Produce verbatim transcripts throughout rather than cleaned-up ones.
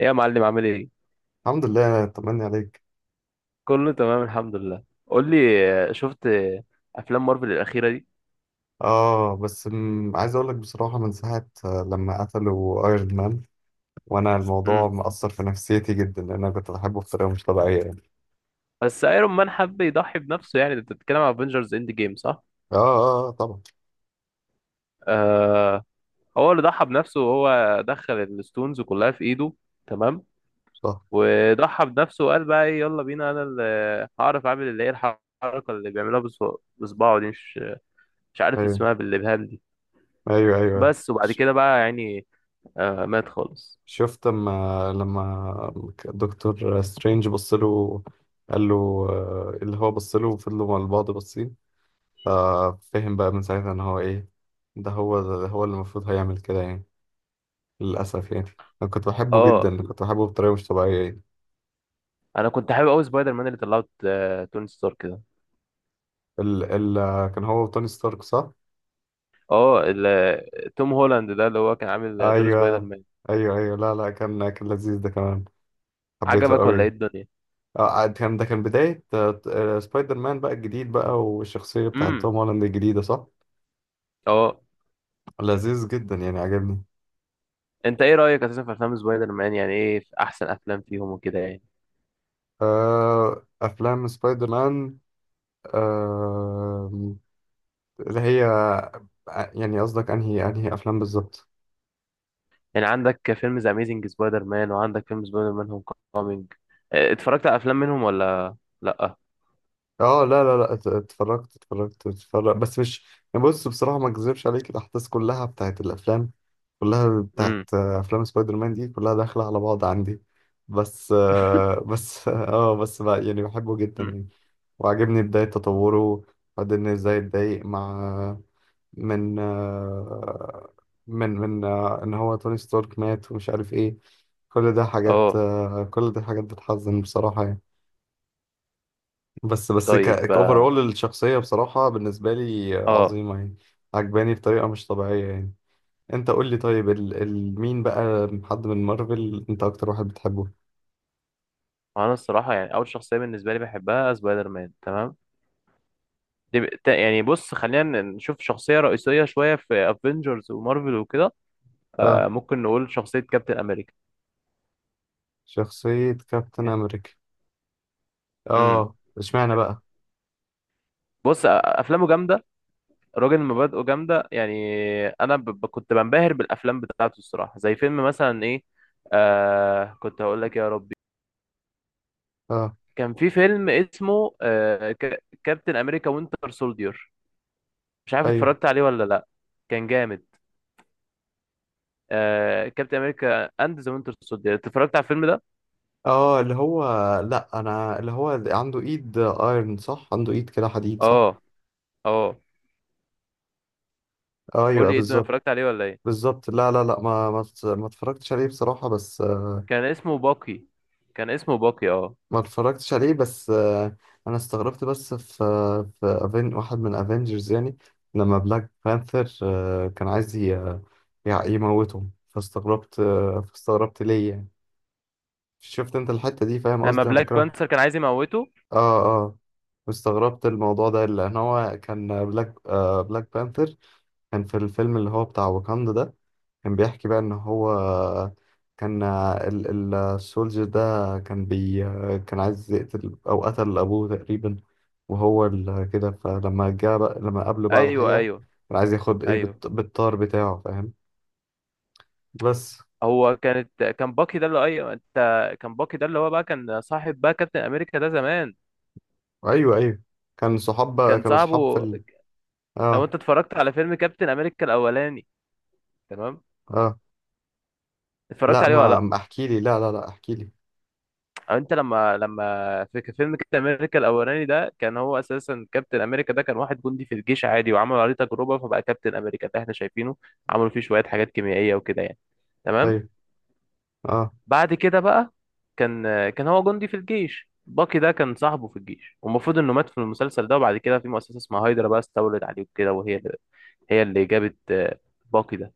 ايه يا معلم، عامل ايه؟ الحمد لله، طمني عليك. كله تمام، الحمد لله. قول لي. آه، شفت آه، افلام مارفل الاخيره دي. اه، بس م... عايز اقول لك بصراحة، من ساعة آه، لما قتلوا ايرون مان، وانا الموضوع امم. مأثر في نفسيتي جدا، لان انا كنت بحبه بطريقة مش طبيعية يعني. بس ايرون مان حب يضحي بنفسه، يعني انت بتتكلم على افنجرز اند جيم، صح؟ اه اه، آه، آه، طبعا. آه. هو اللي ضحى بنفسه وهو دخل الستونز كلها في ايده، تمام. صح. وضحى بنفسه وقال بقى ايه، يلا بينا، انا اللي هعرف اعمل اللي هي الحركه اللي بيعملها بص- بصباعه دي، مش مش عارف ايوه اسمها، بالابهام دي. ايوه ايوه. بس وبعد ش... كده بقى يعني آه مات خالص. شفت، لما لما دكتور سترينج بص له، قال له آه، اللي هو بص له وفضلوا مع بعض باصين، ففهم بقى من ساعتها ان هو ايه. ده هو ده هو اللي المفروض هيعمل كده يعني، للأسف يعني. أنا كنت بحبه اه. جدا، كنت بحبه بطريقة مش طبيعية يعني. انا كنت حابب قوي سبايدر مان اللي طلعت آه، توني ستارك ده. ال ال آه، كان هو وتوني ستارك، صح؟ اه، ال- توم هولاند ده اللي هو كان عامل دور سبايدر أيوه مان. أيوه أيوه. لا لا، كان كان لذيذ ده كمان، حبيته عجبك قوي. ولا ايه الدنيا؟ آه آه، كان ده كان بداية آه، آه، سبايدر مان بقى الجديد بقى، والشخصية بتاعت امم، توم هولاند الجديدة، صح؟ اه. لذيذ جدا يعني، عجبني. انت ايه رايك اساسا في افلام سبايدر مان، يعني ايه في احسن افلام فيهم وكده يعني؟ آه أفلام سبايدر مان. آه اللي هي آه، يعني قصدك أنهي أنهي أفلام بالظبط؟ يعني عندك فيلم ذا اميزنج سبايدر مان، وعندك فيلم سبايدر مان هوم كومينج. اتفرجت على افلام منهم ولا لا؟ اه لا لا لا، ات- اتفرجت اتفرجت اتفرجت بس مش يعني. بص بصراحة، ما اكذبش عليك، الأحداث كلها بتاعت الأفلام، كلها بتاعت امم. آه، أفلام سبايدر مان دي كلها داخلة على بعض عندي. بس آه، بس اه، بس بقى يعني، بحبه جدا مم. يعني، وعجبني بداية تطوره. وبعدين ازاي اتضايق مع، من آه، من من آه، ان هو توني ستارك مات ومش عارف ايه. كل ده حاجات اه، آه، كل ده حاجات بتحزن بصراحة يعني. بس بس ك طيب، كأوفرول اه، الشخصية بصراحة بالنسبة لي آه. عظيمة يعني، عجباني بطريقة مش طبيعية يعني. انت قول لي، طيب ال... ال... مين بقى، حد من مارفل انت اكتر واحد بتحبه؟ انا الصراحه يعني اول شخصيه بالنسبه لي بحبها سبايدر مان، تمام. دي ب- تا- يعني بص، خلينا نشوف شخصية رئيسية شوية في افنجرز ومارفل وكده. آه اه، ممكن نقول شخصية كابتن امريكا. شخصية كابتن امريكا. امم. اه اشمعنى بقى؟ بص، أ- افلامه جامدة. راجل مبادئه جامدة يعني. انا ب... ب- كنت بنبهر بالافلام بتاعته الصراحة، زي فيلم مثلا ايه. آه كنت هقول لك، يا ربي. اه. كان في فيلم اسمه آه ك... كابتن امريكا وينتر سولدير. مش عارف ايوه. اتفرجت عليه ولا لا. كان جامد. آه كابتن امريكا اند ذا وينتر سولدير، اتفرجت على الفيلم ده. اه، اللي هو، لا انا اللي هو اللي عنده ايد ايرون، صح؟ عنده ايد كده حديد، صح؟ اه اه، قول ايوه لي ايه الدنيا، بالظبط. اتفرجت عليه ولا ايه؟ بالظبط. لا لا لا، ما ما ما اتفرجتش عليه بصراحة، بس كان اسمه باقي كان اسمه باقي، اه. ما اتفرجتش عليه، بس آه، انا استغربت بس، في في أفين واحد من افنجرز يعني، لما بلاك بانثر آه، كان عايز ي- يع- يموتهم، فاستغربت. آه، فاستغربت ليه يعني. شفت انت الحتة دي؟ فاهم لما قصدي، انا بلاك بكرهها. بانثر كان عايز يموته. اه اه، واستغربت الموضوع ده، لان هو كان بلاك آه، بلاك بانثر، كان في الفيلم اللي هو بتاع واكاندا ده، كان بيحكي بقى ان هو، كان ال- السولجر ده كان بي كان عايز يقتل او قتل ابوه تقريبا، وهو ال- كده. فلما جه بقى، لما قابله بقى على ايوه، الحقيقة، ايوه، كان عايز ياخد ايه ايوه، بالط- بالطار بتاعه، فاهم؟ بس. هو كانت كان باقي ده اللي، ايوه، انت. كان باقي ده اللي هو بقى كان صاحب بقى كابتن امريكا ده زمان. ايوه ايوه، كان صحاب بقى كان كانوا صحاب في صاحبه. ال... لو اه انت اتفرجت على فيلم كابتن امريكا الاولاني، تمام. اه، اتفرجت لا عليه ولا ما ما لا؟ احكي لي، لا لا لا احكي لي. او انت لما لما في ك- فيلم كابتن امريكا الاولاني ده، كان هو اساسا كابتن امريكا ده كان واحد جندي في الجيش عادي، وعملوا عليه تجربه فبقى كابتن امريكا ده احنا شايفينه، عملوا فيه شويه حاجات كيميائيه وكده يعني، تمام. ايوه. اه. بعد كده بقى كان كان هو جندي في الجيش. باكي ده كان صاحبه في الجيش، والمفروض انه مات في المسلسل ده، وبعد كده في مؤسسه اسمها هايدرا بقى استولت عليه وكده، وهي اللي هي اللي جابت آه، باكي ده.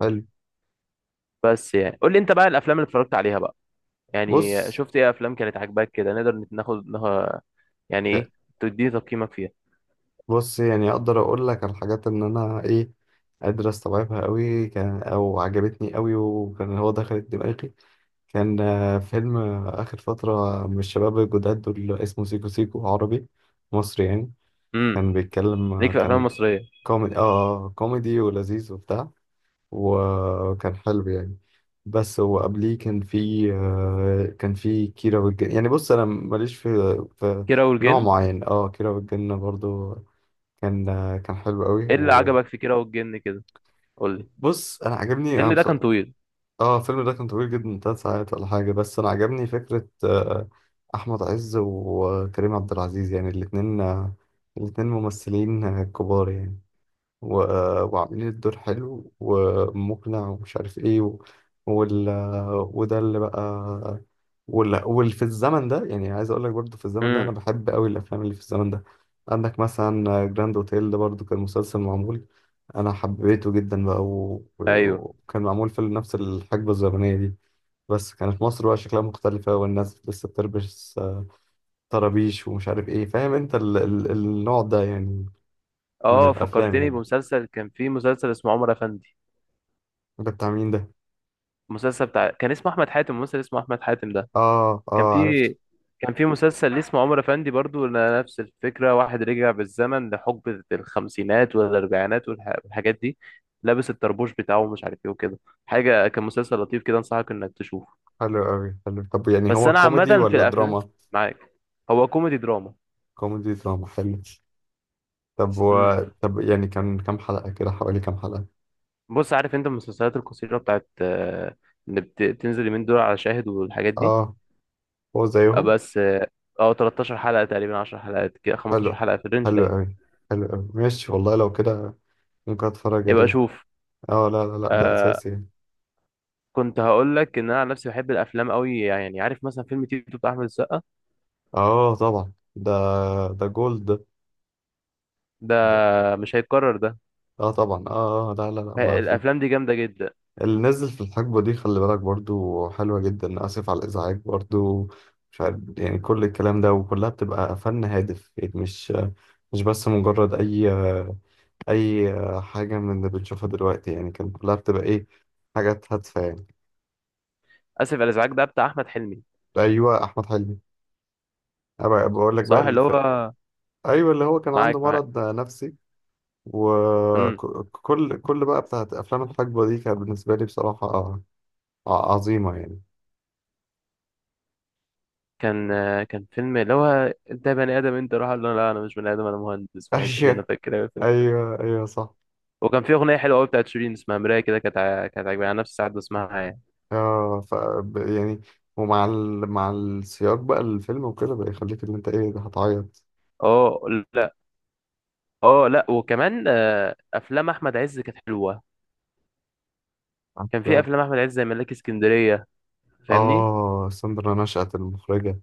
حلو. بس يعني قول لي انت بقى الافلام اللي اتفرجت عليها بقى. يعني بص شفت ايه افلام كانت عاجباك كده، نقدر ناخد يعني ايه، تديني تقييمك فيها؟ بص يعني اقدر اقول لك على الحاجات ان انا ايه، قادر استوعبها قوي، كان او عجبتني قوي وكان هو دخلت دماغي. كان آه، فيلم آه، اخر فتره من الشباب الجداد دول، اسمه سيكو سيكو، عربي مصري يعني. امم. كان بيتكلم، آه، ليك في افلام كان مصريه. كوميدي، اه آه، كوميدي ولذيذ وبتاع، وكان حلو يعني. بس هو قبليه كان في، آه، كان في كيرة والجن يعني. بص انا ماليش في في كيرة نوع والجن. معين. اه، كيرة والجن برضو كان، آه، كان حلو قوي. ايه اللي عجبك في كيرة والجن كده، قول لي؟ وبص انا عجبني انا الفيلم ده بص... كان طويل. اه الفيلم ده كان طويل جدا، ثلاث ساعات ولا حاجه، بس انا عجبني فكره آه، احمد عز وكريم عبد العزيز يعني، الاثنين الاثنين ممثلين آه، كبار يعني، و... وعاملين الدور حلو ومقنع ومش عارف ايه، و... وال... وده اللي بقى، وال... واللي في الزمن ده يعني. عايز اقول لك برضو، في الزمن ده انا امم، بحب قوي الافلام اللي في الزمن ده. عندك مثلا جراند اوتيل ده برضو، كان مسلسل معمول، انا حبيته جدا بقى، و... و- ايوه، وكان معمول في نفس الحقبة الزمنية دي، بس كانت مصر بقى شكلها مختلفة، والناس لسه بتلبس آه، طرابيش ومش عارف ايه، فاهم انت ال... ال... النوع ده يعني، من اه، الافلام فكرتني يعني. بمسلسل. كان فيه مسلسل اسمه عمر افندي. ده بتاع مين ده؟ المسلسل بتاع كان اسمه احمد حاتم. الممثل اسمه احمد حاتم ده اه كان اه، فيه. عرفت. كان في مسلسل ليه اسمه عمر افندي برضو، ن- نفس الفكره. واحد رجع بالزمن لحقبه الخمسينات والاربعينات والح- والحاجات دي. لابس الطربوش بتاعه ومش عارف ايه وكده حاجه. كان مسلسل لطيف كده، انصحك انك تشوفه. حلو قوي، حلو. طب يعني بس هو انا كوميدي عامه في ولا الافلام دراما؟ معاك. هو كوميدي دراما. كوميدي دراما، حلو. طب و... امم. طب يعني كان كام حلقة كده، حوالي كام حلقة؟ بص، عارف انت المسلسلات القصيره بتاعت آه، اللي بت- بتنزل اليومين دول على شاهد والحاجات دي. اه هو آه، زيهم؟ بس اه آه، ثلاثة عشر حلقه تقريبا، عشر حلقات كده، حلو. خمسة عشر حلقه في الرينج حلو ده يعني. قوي. حلو قوي ماشي، والله لو كده ممكن اتفرج يبقى عليه. شوف. اه لا لا لا، ده آه اساسي يعني. كنت هقول لك ان انا عن نفسي بحب الافلام قوي يعني، عارف مثلا فيلم تيتو بتاع احمد السقا. اه طبعا، ده ده جولد ده. ده ده- مش هيتكرر ده. اه طبعا، اه آه، لا لا لا، ما ه- في، الافلام دي جامده جدا. اللي نزل في الحقبة دي، خلي بالك برضو حلوة جدا. آسف على الإزعاج برضو، مش عارف يعني، كل الكلام ده وكلها بتبقى فن هادف يعني، مش مش بس مجرد أي أي حاجة من اللي بنشوفها دلوقتي يعني، كان كلها بتبقى إيه، حاجات هادفة يعني. اسف على الازعاج، ده بتاع احمد حلمي. أيوة، أحمد حلمي. أبقى بقول لك صح بقى اللي الف... هو. أيوة، اللي هو كان عنده معاك، معاك. مرض نفسي. وكل كل بقى بتاعت أفلام الحقبة دي كانت بالنسبة لي بصراحة آه، عظيمة يعني. كان كان فيلم اللي هو، انت بني ادم، انت روح، قال له لا انا مش بني ادم، انا مهندس في الحته دي. انا أيوة فاكر قوي الفيلم. أيوة أيوة صح. وكان في اغنيه حلوه قوي بتاعت شيرين اسمها مرايه كده، كانت ع- كانت عاجباني. انا نفسي ساعات بسمعها يعني. اه ف ب- يعني، ومع ال... مع السياق بقى الفيلم وكده، بقى يخليك ان انت ايه، ده هتعيط. اه، لا. اه، لا، وكمان آه، افلام احمد عز كانت حلوه. كان في عارفة؟ افلام احمد عز زي ملاك اسكندريه، فاهمني؟ اه، ساندرا نشأت المخرجة.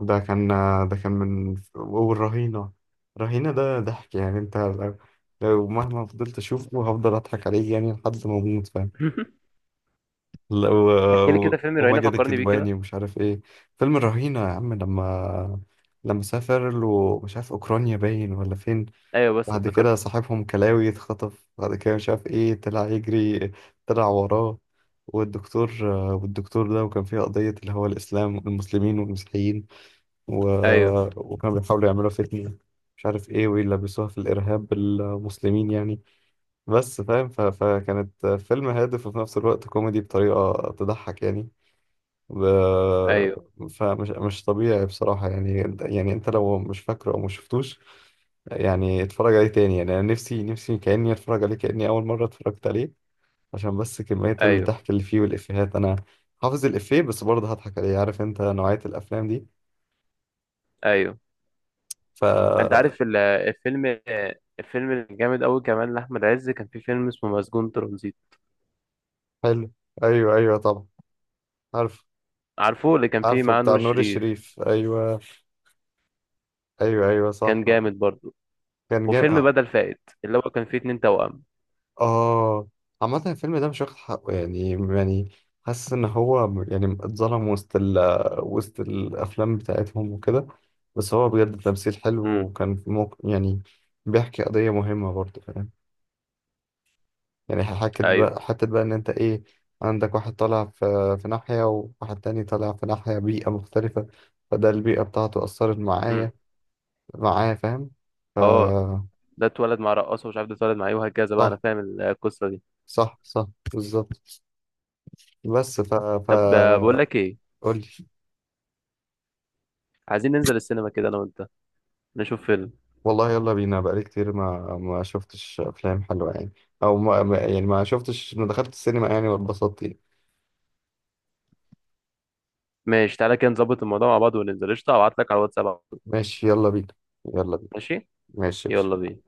ده كان ده كان من والرهينة. رهينة ده ضحك يعني، انت لو، لو مهما فضلت اشوفه، هفضل اضحك عليه يعني لحد ما اموت، فاهم؟ لو احكي لي كده و- فيلم رهينه، وماجد فكرني بيه كده. الكدواني ومش عارف ايه. فيلم الرهينة يا عم، لما لما سافر له مش عارف اوكرانيا باين ولا فين، ايوه بس بعد كده افتكرته. صاحبهم كلاوي اتخطف، بعد كده مش عارف ايه طلع يجري، طلع وراه. والدكتور والدكتور ده، وكان فيه قضية اللي هو الإسلام، المسلمين والمسيحيين، و... ايوه، وكانوا بيحاولوا يعملوا فتنة، مش عارف ايه ويلبسوها في الإرهاب المسلمين يعني. بس فاهم، ف... فكانت فيلم هادف وفي نفس الوقت كوميدي بطريقة تضحك يعني. ب- ايوه، فمش مش طبيعي بصراحة يعني، انت، يعني انت لو مش فاكره او مش شفتوش يعني، اتفرج عليه تاني يعني. انا نفسي، نفسي كأني اتفرج عليه كأني اول مرة اتفرجت عليه، عشان بس كمية ايوه، الضحك اللي فيه والافيهات. انا حافظ الافيه بس برضه هضحك عليه، عارف انت نوعية الافلام دي؟ ايوه. ف، انت عارف ال- الفيلم الفيلم الجامد قوي كمان لاحمد عز، كان في فيلم اسمه مسجون ترانزيت. حلو. ايوه ايوه طبعا، عارف. عارفه اللي كان فيه عارفه معاه بتاع نور نور الشريف. الشريف، ايوه. ايوه ايوه صح. كان جامد برضو. كان جامد. وفيلم بدل فائت اللي هو كان فيه اتنين توأم. اه، عامة الفيلم ده مش واخد حقه يعني، يعني حاسس ان هو م- يعني اتظلم وسط ال، وسط الافلام بتاعتهم وكده. بس هو بجد تمثيل حلو، امم، وكان في موق... يعني بيحكي قضية مهمة برضه، فاهم؟ يعني حكت ايوه، بقى حتى بقى ان انت ايه، عندك واحد طالع في في ناحية وواحد تاني طالع في ناحية بيئة مختلفة، فده البيئة بتاعته أثرت امم، معايا، معايا فاهم. ف، اه. ده اتولد مع رقاصة ومش عارف ده اتولد مع ايه وهكذا بقى، انا صح. فاهم القصة دي. صح صح، بالظبط. بس ف، ف، طب، آه، بقول لك ايه؟ قولي. عايزين ننزل السينما كده انا وانت، نشوف فيلم. والله يلا بينا، بقالي كتير ما ما شفتش افلام حلوه يعني، او ما ما- يعني ما شفتش، ما دخلت السينما يعني واتبسطت يعني. ماشي، تعالى كده نظبط الموضوع مع بعض وننزل، قشطة. هبعت لك على الواتساب على طول. ماشي، يلا بينا. يلا بينا. ماشي، ماشي يا باشا. يلا بينا.